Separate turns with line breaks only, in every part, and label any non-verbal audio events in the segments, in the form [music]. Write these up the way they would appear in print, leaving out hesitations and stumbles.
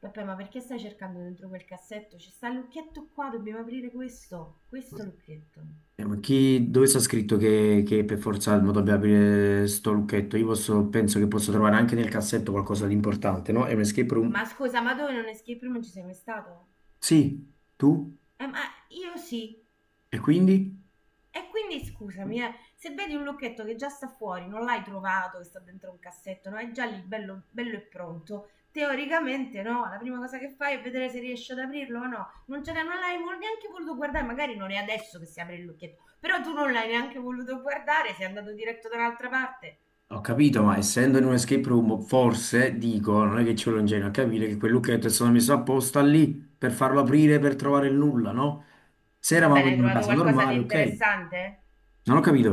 Vabbè, ma perché stai cercando dentro quel cassetto? Ci sta il lucchetto qua, dobbiamo aprire questo. Questo lucchetto.
Dove sta scritto che per forza Almo dobbiamo aprire sto lucchetto? Penso che posso trovare anche nel cassetto qualcosa di importante, no? È un escape
Ma
room?
scusa, ma tu in un escape room non ci sei mai stato?
Sì, tu?
Ma io sì.
E quindi?
E quindi scusami, se vedi un lucchetto che già sta fuori, non l'hai trovato, che sta dentro un cassetto, no? È già lì bello, bello e pronto. Teoricamente no, la prima cosa che fai è vedere se riesci ad aprirlo o no. Non, ce l'hai- non l'hai vol- neanche voluto guardare, magari non è adesso che si apre il lucchetto, però tu non l'hai neanche voluto guardare, sei andato diretto da un'altra parte.
Ho capito, ma essendo in un escape room, forse, dico, non è che ci vuole un genio a capire che quel lucchetto è stato messo apposta lì per farlo aprire per trovare il nulla, no? Se
Va
eravamo
bene, hai
in una
trovato
casa
qualcosa
normale,
di
ok.
interessante?
Non ho capito.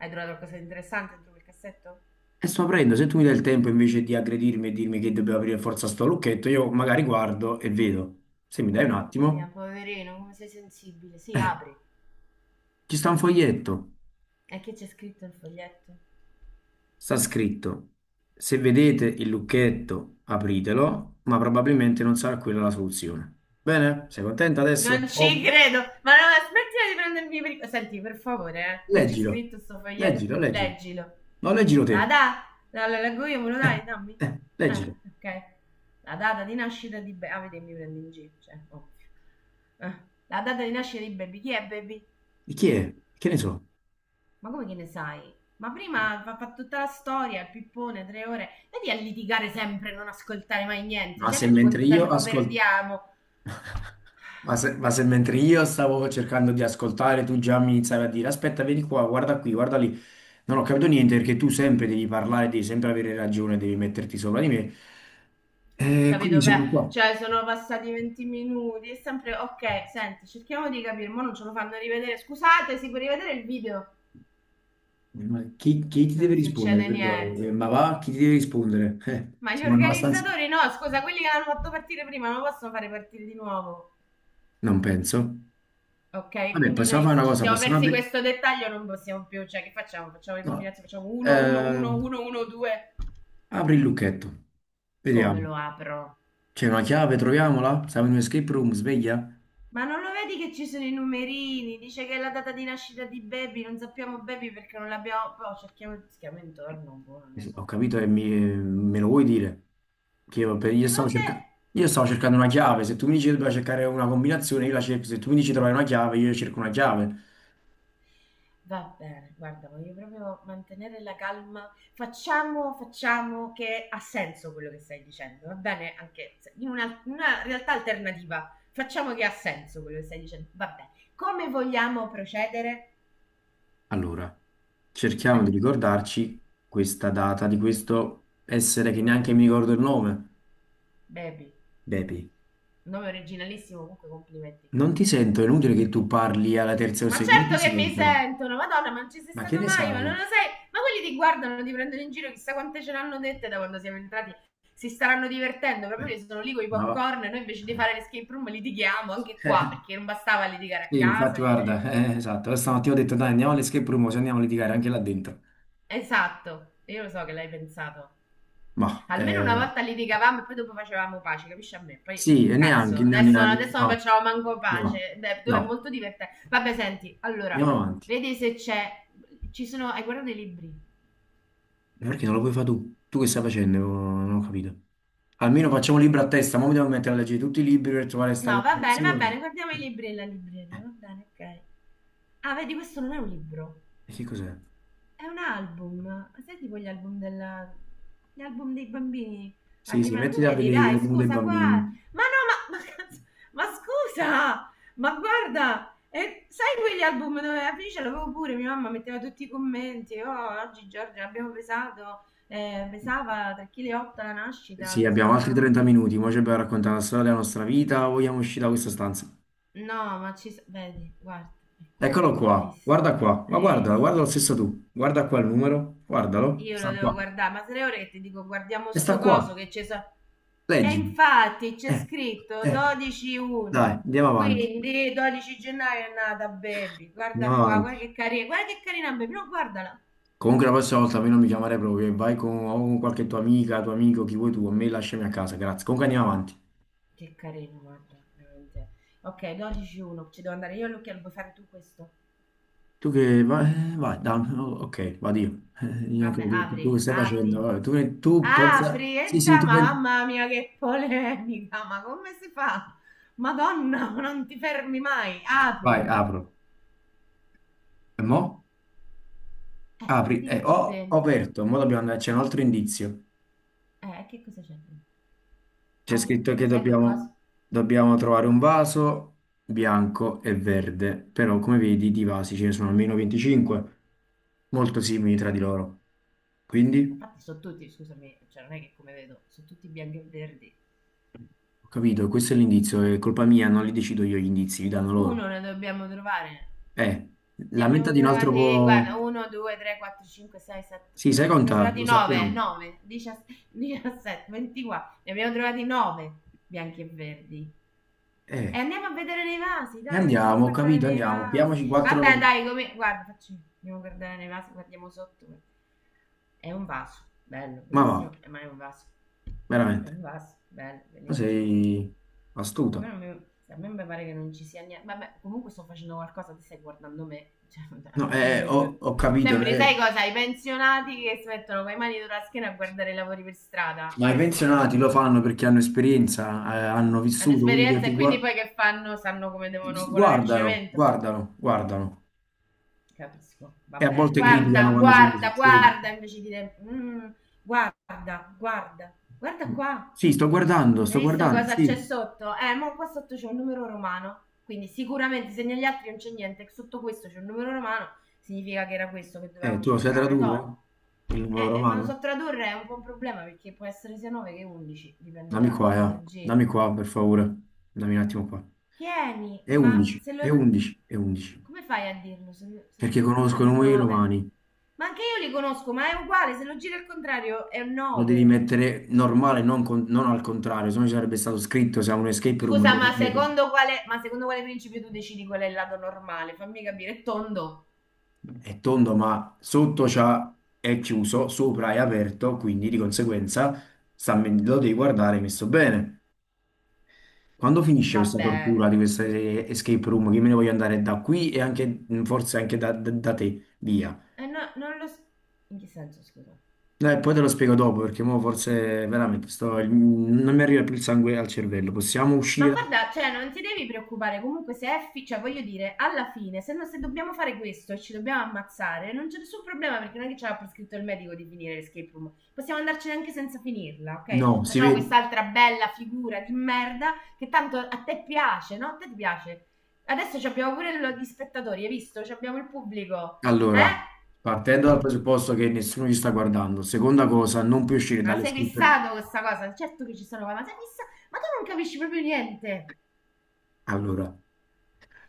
Hai trovato qualcosa di interessante dentro quel cassetto?
E sto aprendo, se tu mi dai il tempo invece di aggredirmi e dirmi che devo aprire forza sto lucchetto, io magari guardo e vedo. Se mi dai un
Mamma mia,
attimo,
poverino, come sei sensibile. Sì,
eh,
apri.
ci sta un foglietto,
E che c'è scritto il foglietto?
sta scritto, se vedete il lucchetto apritelo, ma probabilmente non sarà quella la soluzione. Bene? Sei contenta adesso?
Non ci
Oh,
credo! Ma no, ma smettila di prendermi per il- Senti, per favore, che c'è
leggilo,
scritto sto foglietto?
leggilo, leggilo.
Leggilo.
No, leggilo
La
te.
data. La leggo io, me lo
Eh,
dai? Dammi.
leggilo.
Ok. La data di nascita di. Ah, vedi, mi prendi in giro, cioè, ovvio. Eh, La data di nascita di Baby. Chi è Baby?
Di chi è? Che ne so?
Ma come che ne sai? Ma prima fa tutta la storia, il pippone, tre ore. Vedi a litigare sempre, non ascoltare mai niente.
Ma
Cioè,
se
vedi
mentre
quanto
io
tempo
ascolto...
perdiamo.
Ma se mentre io stavo cercando di ascoltare, tu già mi iniziavi a dire: Aspetta, vieni qua, guarda qui, guarda lì. Non ho capito niente perché tu sempre devi parlare, devi sempre avere ragione, devi metterti sopra di me. E quindi
Capito? Beh,
sono qua.
cioè, sono passati 20 minuti. È sempre ok. Senti, cerchiamo di capire. Mo non ce lo fanno rivedere. Scusate, si può rivedere il video?
Ma chi ti deve
Non
rispondere?
succede
Perdonami.
niente.
Ma va, chi ti deve rispondere?
Ma gli
Siamo abbastanza.
organizzatori no, scusa, quelli che l'hanno fatto partire prima non possono fare partire di nuovo.
Non penso.
Ok,
Vabbè,
quindi
possiamo
noi
fare
se
una
ci
cosa:
siamo
possiamo
persi
aprire.
questo dettaglio, non possiamo più, cioè che facciamo? Facciamo le
No.
combinazioni, facciamo 1, 1,
Eh,
1, 1, 1, 2.
Apri il lucchetto,
Come
vediamo.
lo apro?
C'è una chiave, troviamola. Siamo in un escape room, sveglia.
Ma non lo vedi che ci sono i numerini? Dice che è la data di nascita di Baby, non sappiamo Baby perché non l'abbiamo. Poi cerchiamo, cerchiamo intorno, boh, non lo
Sì,
so.
ho
Io.
capito me lo vuoi dire? Che io, per-
E
io
te l'ho
stavo
detto.
cerca- Io stavo cercando una chiave, se tu mi dici che dobbiamo cercare una combinazione, io la cerco, se tu mi dici trovare una chiave, io cerco una chiave.
Va bene, guarda, voglio proprio mantenere la calma. Facciamo che ha senso quello che stai dicendo, va bene? Anche se- in una realtà alternativa, facciamo che ha senso quello che stai dicendo, va bene. Come vogliamo procedere?
Allora, cerchiamo
Eh,
di ricordarci questa data di questo essere che neanche mi ricordo il nome.
Baby,
Bepi,
nome originalissimo, comunque complimenti.
non ti sento, è inutile che tu parli alla terza o
Ma
sei, non ti
certo che mi
sentono.
sentono, Madonna, ma non ci sei
Ma che
stato
ne
mai, ma
sai?
non lo sai. Ma quelli ti guardano, ti prendono in giro, chissà quante ce l'hanno dette da quando siamo entrati. Si staranno divertendo, proprio
Eh,
lì sono lì con i
Ma va.
popcorn e noi invece di
Eh,
fare l'escape room litighiamo anche
[laughs] eh,
qua, perché non bastava litigare a
sì,
casa.
infatti,
Litigare-
guarda, esatto. Stamattina ho detto, dai, andiamo all'escape room, se andiamo a litigare anche là dentro.
Esatto, io lo so che l'hai pensato.
Ma
Almeno
eh,
una volta litigavamo e poi dopo facevamo pace, capisci a me?
sì,
Poi,
e
cazzo, adesso,
neanche,
adesso non
no,
facciamo manco
no,
pace. Beh, tu- è
no,
molto divertente. Vabbè, senti,
andiamo
allora,
avanti.
vedi se c'è. Ci sono. Hai guardato i libri?
Ma perché non lo puoi fare tu? Tu che stai facendo? Non ho capito. Almeno facciamo un libro a testa, ma mi devo mettere a leggere tutti i libri per trovare questa
No, va bene,
comprensione.
guardiamo i libri nella libreria,
Eh,
va bene, ok. Ah, vedi, questo non è un libro,
e che cos'è?
è un album. Sai tipo gli album della. Gli album dei bambini? La
Sì, sì,
prima. Lo
mettiti a
vedi,
vedere gli
dai,
album dei
scusa, guarda.
bambini.
Ma no, ma. Ma, cazzo- ma scusa! Ma guarda! E sai quegli album dove la ce l'avevo pure, mia mamma metteva tutti i commenti, oh, oggi Giorgia l'abbiamo pesato, pesava 3,8 kg la nascita,
Sì,
così
abbiamo altri
colà.
30 minuti, ora ci abbiamo raccontato la storia della nostra vita, vogliamo uscire da questa stanza.
No, ma ci... s- Vedi, guarda, è qua,
Eccolo
hai
qua,
visto?
guarda qua, ma
Hai
guardalo,
visto?
guarda lo stesso tu, guarda qua il numero, guardalo,
Io lo
sta
devo
qua,
guardare, ma tre ore che ti dico guardiamo
e sta
sto
qua.
coso che c'è... so- E
Leggi.
infatti c'è
Eh,
scritto
eh. Dai,
12-1,
andiamo avanti.
quindi 12 gennaio è nata Baby, guarda
Andiamo
qua,
avanti.
guarda che carina Baby, no guardala.
Comunque la prossima volta a me non mi chiamare proprio. E vai con, o con qualche tua amica, tuo amico, chi vuoi tu. A me lasciami a casa, grazie. Comunque andiamo avanti.
Che carina, guarda, veramente. Ok, 12-1, ci devo andare io all'occhiello, puoi fare tu questo?
Tu che vai, vai, dai, oh, ok, vado io.
Vabbè,
Tu, che
apri,
stai facendo?
apri.
Vabbè, tu pensa...
Apri e da, mamma mia che polemica, ma come si fa? Madonna, ma non ti fermi mai,
Vai,
apri.
apro. E mo?
E
Apri.
vedi che c'è
Ho
dentro.
aperto, mo dobbiamo andare, c'è un altro indizio.
Che cosa c'è dentro?
C'è
Apri, apri.
scritto
Che
che
cos'è quel coso?
dobbiamo trovare un vaso bianco e verde, però come vedi di vasi ce ne sono almeno 25, molto simili tra di loro.
Ma
Quindi,
infatti sono tutti, scusami, cioè non è che come vedo, sono tutti bianchi e verdi.
ho capito, questo è l'indizio, è colpa mia, non li decido io gli indizi, li danno loro.
Uno ne dobbiamo trovare.
Eh,
Ne
la menta
abbiamo
di un altro
trovati,
po'...
guarda, 1, 2, 3, 4, 5, 6, 7,
Sì,
8,
sai
ne abbiamo
conta, lo
trovati 9,
sappiamo.
9, 17, 24, ne abbiamo trovati 9 bianchi e verdi.
Eh,
E andiamo a vedere nei vasi,
e
dai, andiamo a
andiamo, ho
guardare
capito,
nei
andiamo,
vasi.
piamoci
Vabbè,
quattro...
dai, come. Guarda, facci. Andiamo a guardare nei vasi, guardiamo sotto. È un vaso, bello,
Ma va,
bellissimo, ma è un vaso. È un
veramente,
vaso, bello,
ma
bellissimo.
sei
A
astuta.
me, non mi... a me mi pare che non ci sia niente. Vabbè, comunque sto facendo qualcosa, ti stai guardando me. Cioè, [laughs]
No,
vabbè.
ho capito, no?
Sembri, sai cosa? I pensionati che si mettono con le mani sulla schiena a guardare i lavori per strada.
Ma i
Questo
pensionati lo
sembri.
fanno perché hanno esperienza, hanno
Hanno
vissuto, quindi
esperienza e quindi poi che fanno? Sanno come devono colare il
guardano,
cemento.
guardano, guardano.
Capisco,
E a
vabbè.
volte criticano
Guarda,
quando c'è
guarda,
bisogno. Sì,
guarda, invece di dire "Mm, guarda, guarda, guarda qua."
sì,
Hai
sto
visto
guardando,
cosa c'è
sì.
sotto? Ma qua sotto c'è un numero romano. Quindi sicuramente se negli altri non c'è niente, sotto questo c'è un numero romano, significa che era questo che dovevamo
Tu lo sai
cercare.
tradurre?
Toh.
Il numero
Ma lo so
romano?
tradurre è un po' un problema perché può essere sia 9 che 11, dipende
Dammi
da
qua,
come lo giri.
Dammi qua, per favore. Dammi un attimo qua.
Tieni,
È
ma
11,
se
è
lo-
11, è 11.
Come fai a dirlo? Se, lo- se lo
Perché
giri al
conosco i
contrario è
numeri
9.
romani.
Ma anche io li conosco, ma è uguale, se lo giri al contrario è un
Lo devi
9.
mettere normale, non, non al contrario, se no ci sarebbe stato scritto, se ha un escape room, te
Scusa,
lo ripeto.
ma secondo quale principio tu decidi qual è il lato normale? Fammi capire, è tondo?
È tondo, ma sotto c'ha, è chiuso, sopra è aperto, quindi di conseguenza lo devi guardare messo bene. Quando finisce
Va
questa tortura
bene.
di questa escape room, che me ne voglio andare da qui e anche, mm, forse anche da te, via.
Eh no, non lo... s- In che senso, scusa?
Poi te lo spiego dopo, perché mo forse veramente non mi arriva più il sangue al cervello. Possiamo
Ma
uscire da...
guarda, cioè, non ti devi preoccupare, comunque se è, fi- cioè, voglio dire, alla fine, se, no- se dobbiamo fare questo e ci dobbiamo ammazzare, non c'è nessun problema perché non è che ce l'ha prescritto il medico di finire l'escape room. Possiamo andarcene anche senza finirla,
No,
ok?
si
Facciamo
vede.
quest'altra bella figura di merda che tanto a te piace, no? A te ti piace. Adesso ci abbiamo pure gli spettatori, hai visto? Ci abbiamo il pubblico,
Allora,
eh?
partendo dal presupposto che nessuno ci sta guardando, seconda cosa, non puoi uscire
Ma
dalle
sei
escape room.
fissato con questa cosa? Certo che ci sono, ma sei fissato? Ma tu non capisci proprio niente.
Allora.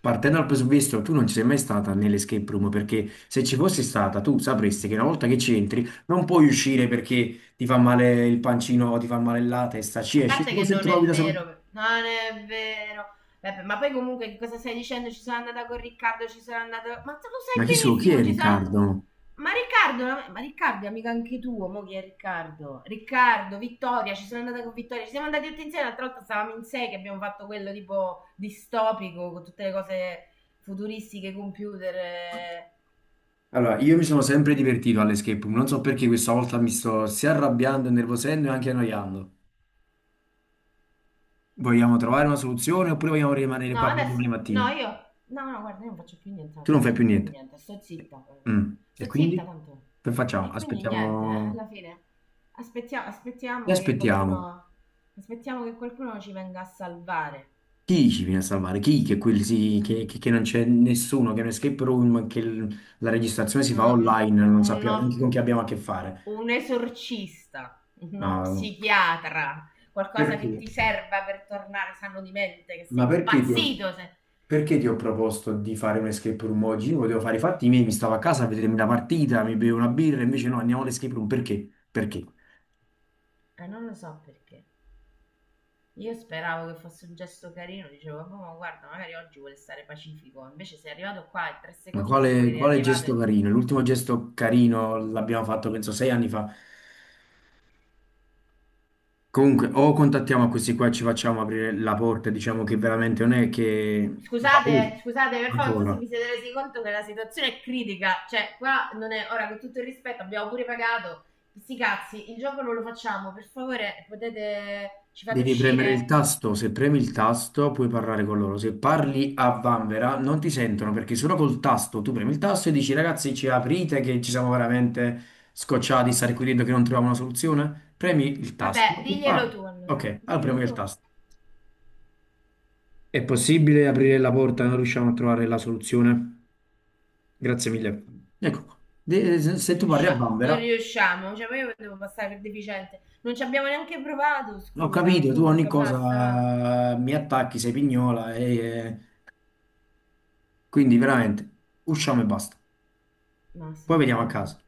Partendo dal presupposto, tu non ci sei mai stata nell'escape room perché se ci fossi stata tu sapresti che una volta che ci entri non puoi uscire perché ti fa male il pancino, ti fa male la testa, ci
A
esci
parte
solo
che
se
non è
trovi da solo.
vero, non è vero. Vabbè, ma poi comunque che cosa stai dicendo? Ci sono andata con Riccardo, ci sono andata. Ma tu lo
Ma
sai
chi è
benissimo, ci sono.
Riccardo?
Ma Riccardo è amico anche tuo, mo chi è Riccardo? Riccardo, Vittoria, ci sono andata con Vittoria, ci siamo andati tutti insieme, l'altra volta stavamo in sei che abbiamo fatto quello tipo distopico, con tutte le cose futuristiche, computer. Eh.
Allora, io mi sono sempre divertito all'escape room, non so perché questa volta mi sto sia arrabbiando, nervosendo e anche annoiando. Vogliamo trovare una soluzione oppure vogliamo rimanere
No,
qua fino a
adesso.
domani
No,
mattina?
io. No, no, guarda, io non faccio più niente la
Tu non fai più
soluzione, non trovo
niente.
niente. Sto zitta. Eh.
Mm. E
Sto
quindi?
zitta tanto.
Che facciamo?
E quindi niente,
Aspettiamo.
alla fine. Aspettiamo,
Che
aspettiamo che
aspettiamo?
qualcuno. Aspettiamo che qualcuno ci venga a salvare.
Chi ci viene a salvare? Chi? Che, che non c'è nessuno, che è un escape room, la registrazione si fa
Un-
online, non sappiamo
uno-
neanche con chi abbiamo a che fare.
un esorcista, uno
No.
psichiatra, qualcosa che
Perché?
ti serva per tornare sano di mente, che sei
Ma perché ti ho,
impazzito. Se.
perché ti ho proposto di fare un escape room oggi? Io volevo fare i fatti miei, mi stavo a casa a vedermi la partita, mi bevo una birra, invece no, andiamo all'escape room. Perché? Perché?
Non lo so perché. Io speravo che fosse un gesto carino, dicevo, "Vabbè, ma guarda, magari oggi vuole stare pacifico." Invece sei arrivato qua e tre
Ma
secondi dopo che eri
quale
arrivato,
gesto
e-
carino? L'ultimo gesto carino l'abbiamo fatto, penso, 6 anni fa. Comunque, o contattiamo questi qua e ci facciamo aprire la porta, diciamo che veramente non è che...
Scusate, scusate, per favore, non so se
Ancora.
vi siete resi conto che la situazione è critica. Cioè, qua non è. Ora, con tutto il rispetto, abbiamo pure pagato. Sti cazzi, il gioco non lo facciamo. Per favore, potete. Ci fate
Devi premere
uscire?
il tasto, se premi il tasto puoi parlare con loro, se parli a vanvera non ti sentono perché solo col tasto tu premi il tasto e dici ragazzi ci aprite che ci siamo veramente scocciati di stare qui dentro che non troviamo una soluzione, premi il tasto
Vabbè,
e
diglielo
parli.
tu allora.
Ok, allora premi
Diglielo
il
tu.
tasto. È possibile aprire la porta e non riusciamo a trovare la soluzione? Grazie mille. Ecco qua. Se
Non
se tu parli a
riusciamo, non
vanvera...
riusciamo. Cioè, ma io devo passare per deficiente. Non ci abbiamo neanche provato,
Ho
scusami.
capito, tu ogni
Comunque, basta, va.
cosa mi attacchi, sei pignola e quindi veramente usciamo e basta.
مع
Poi vediamo a
السلامة
casa.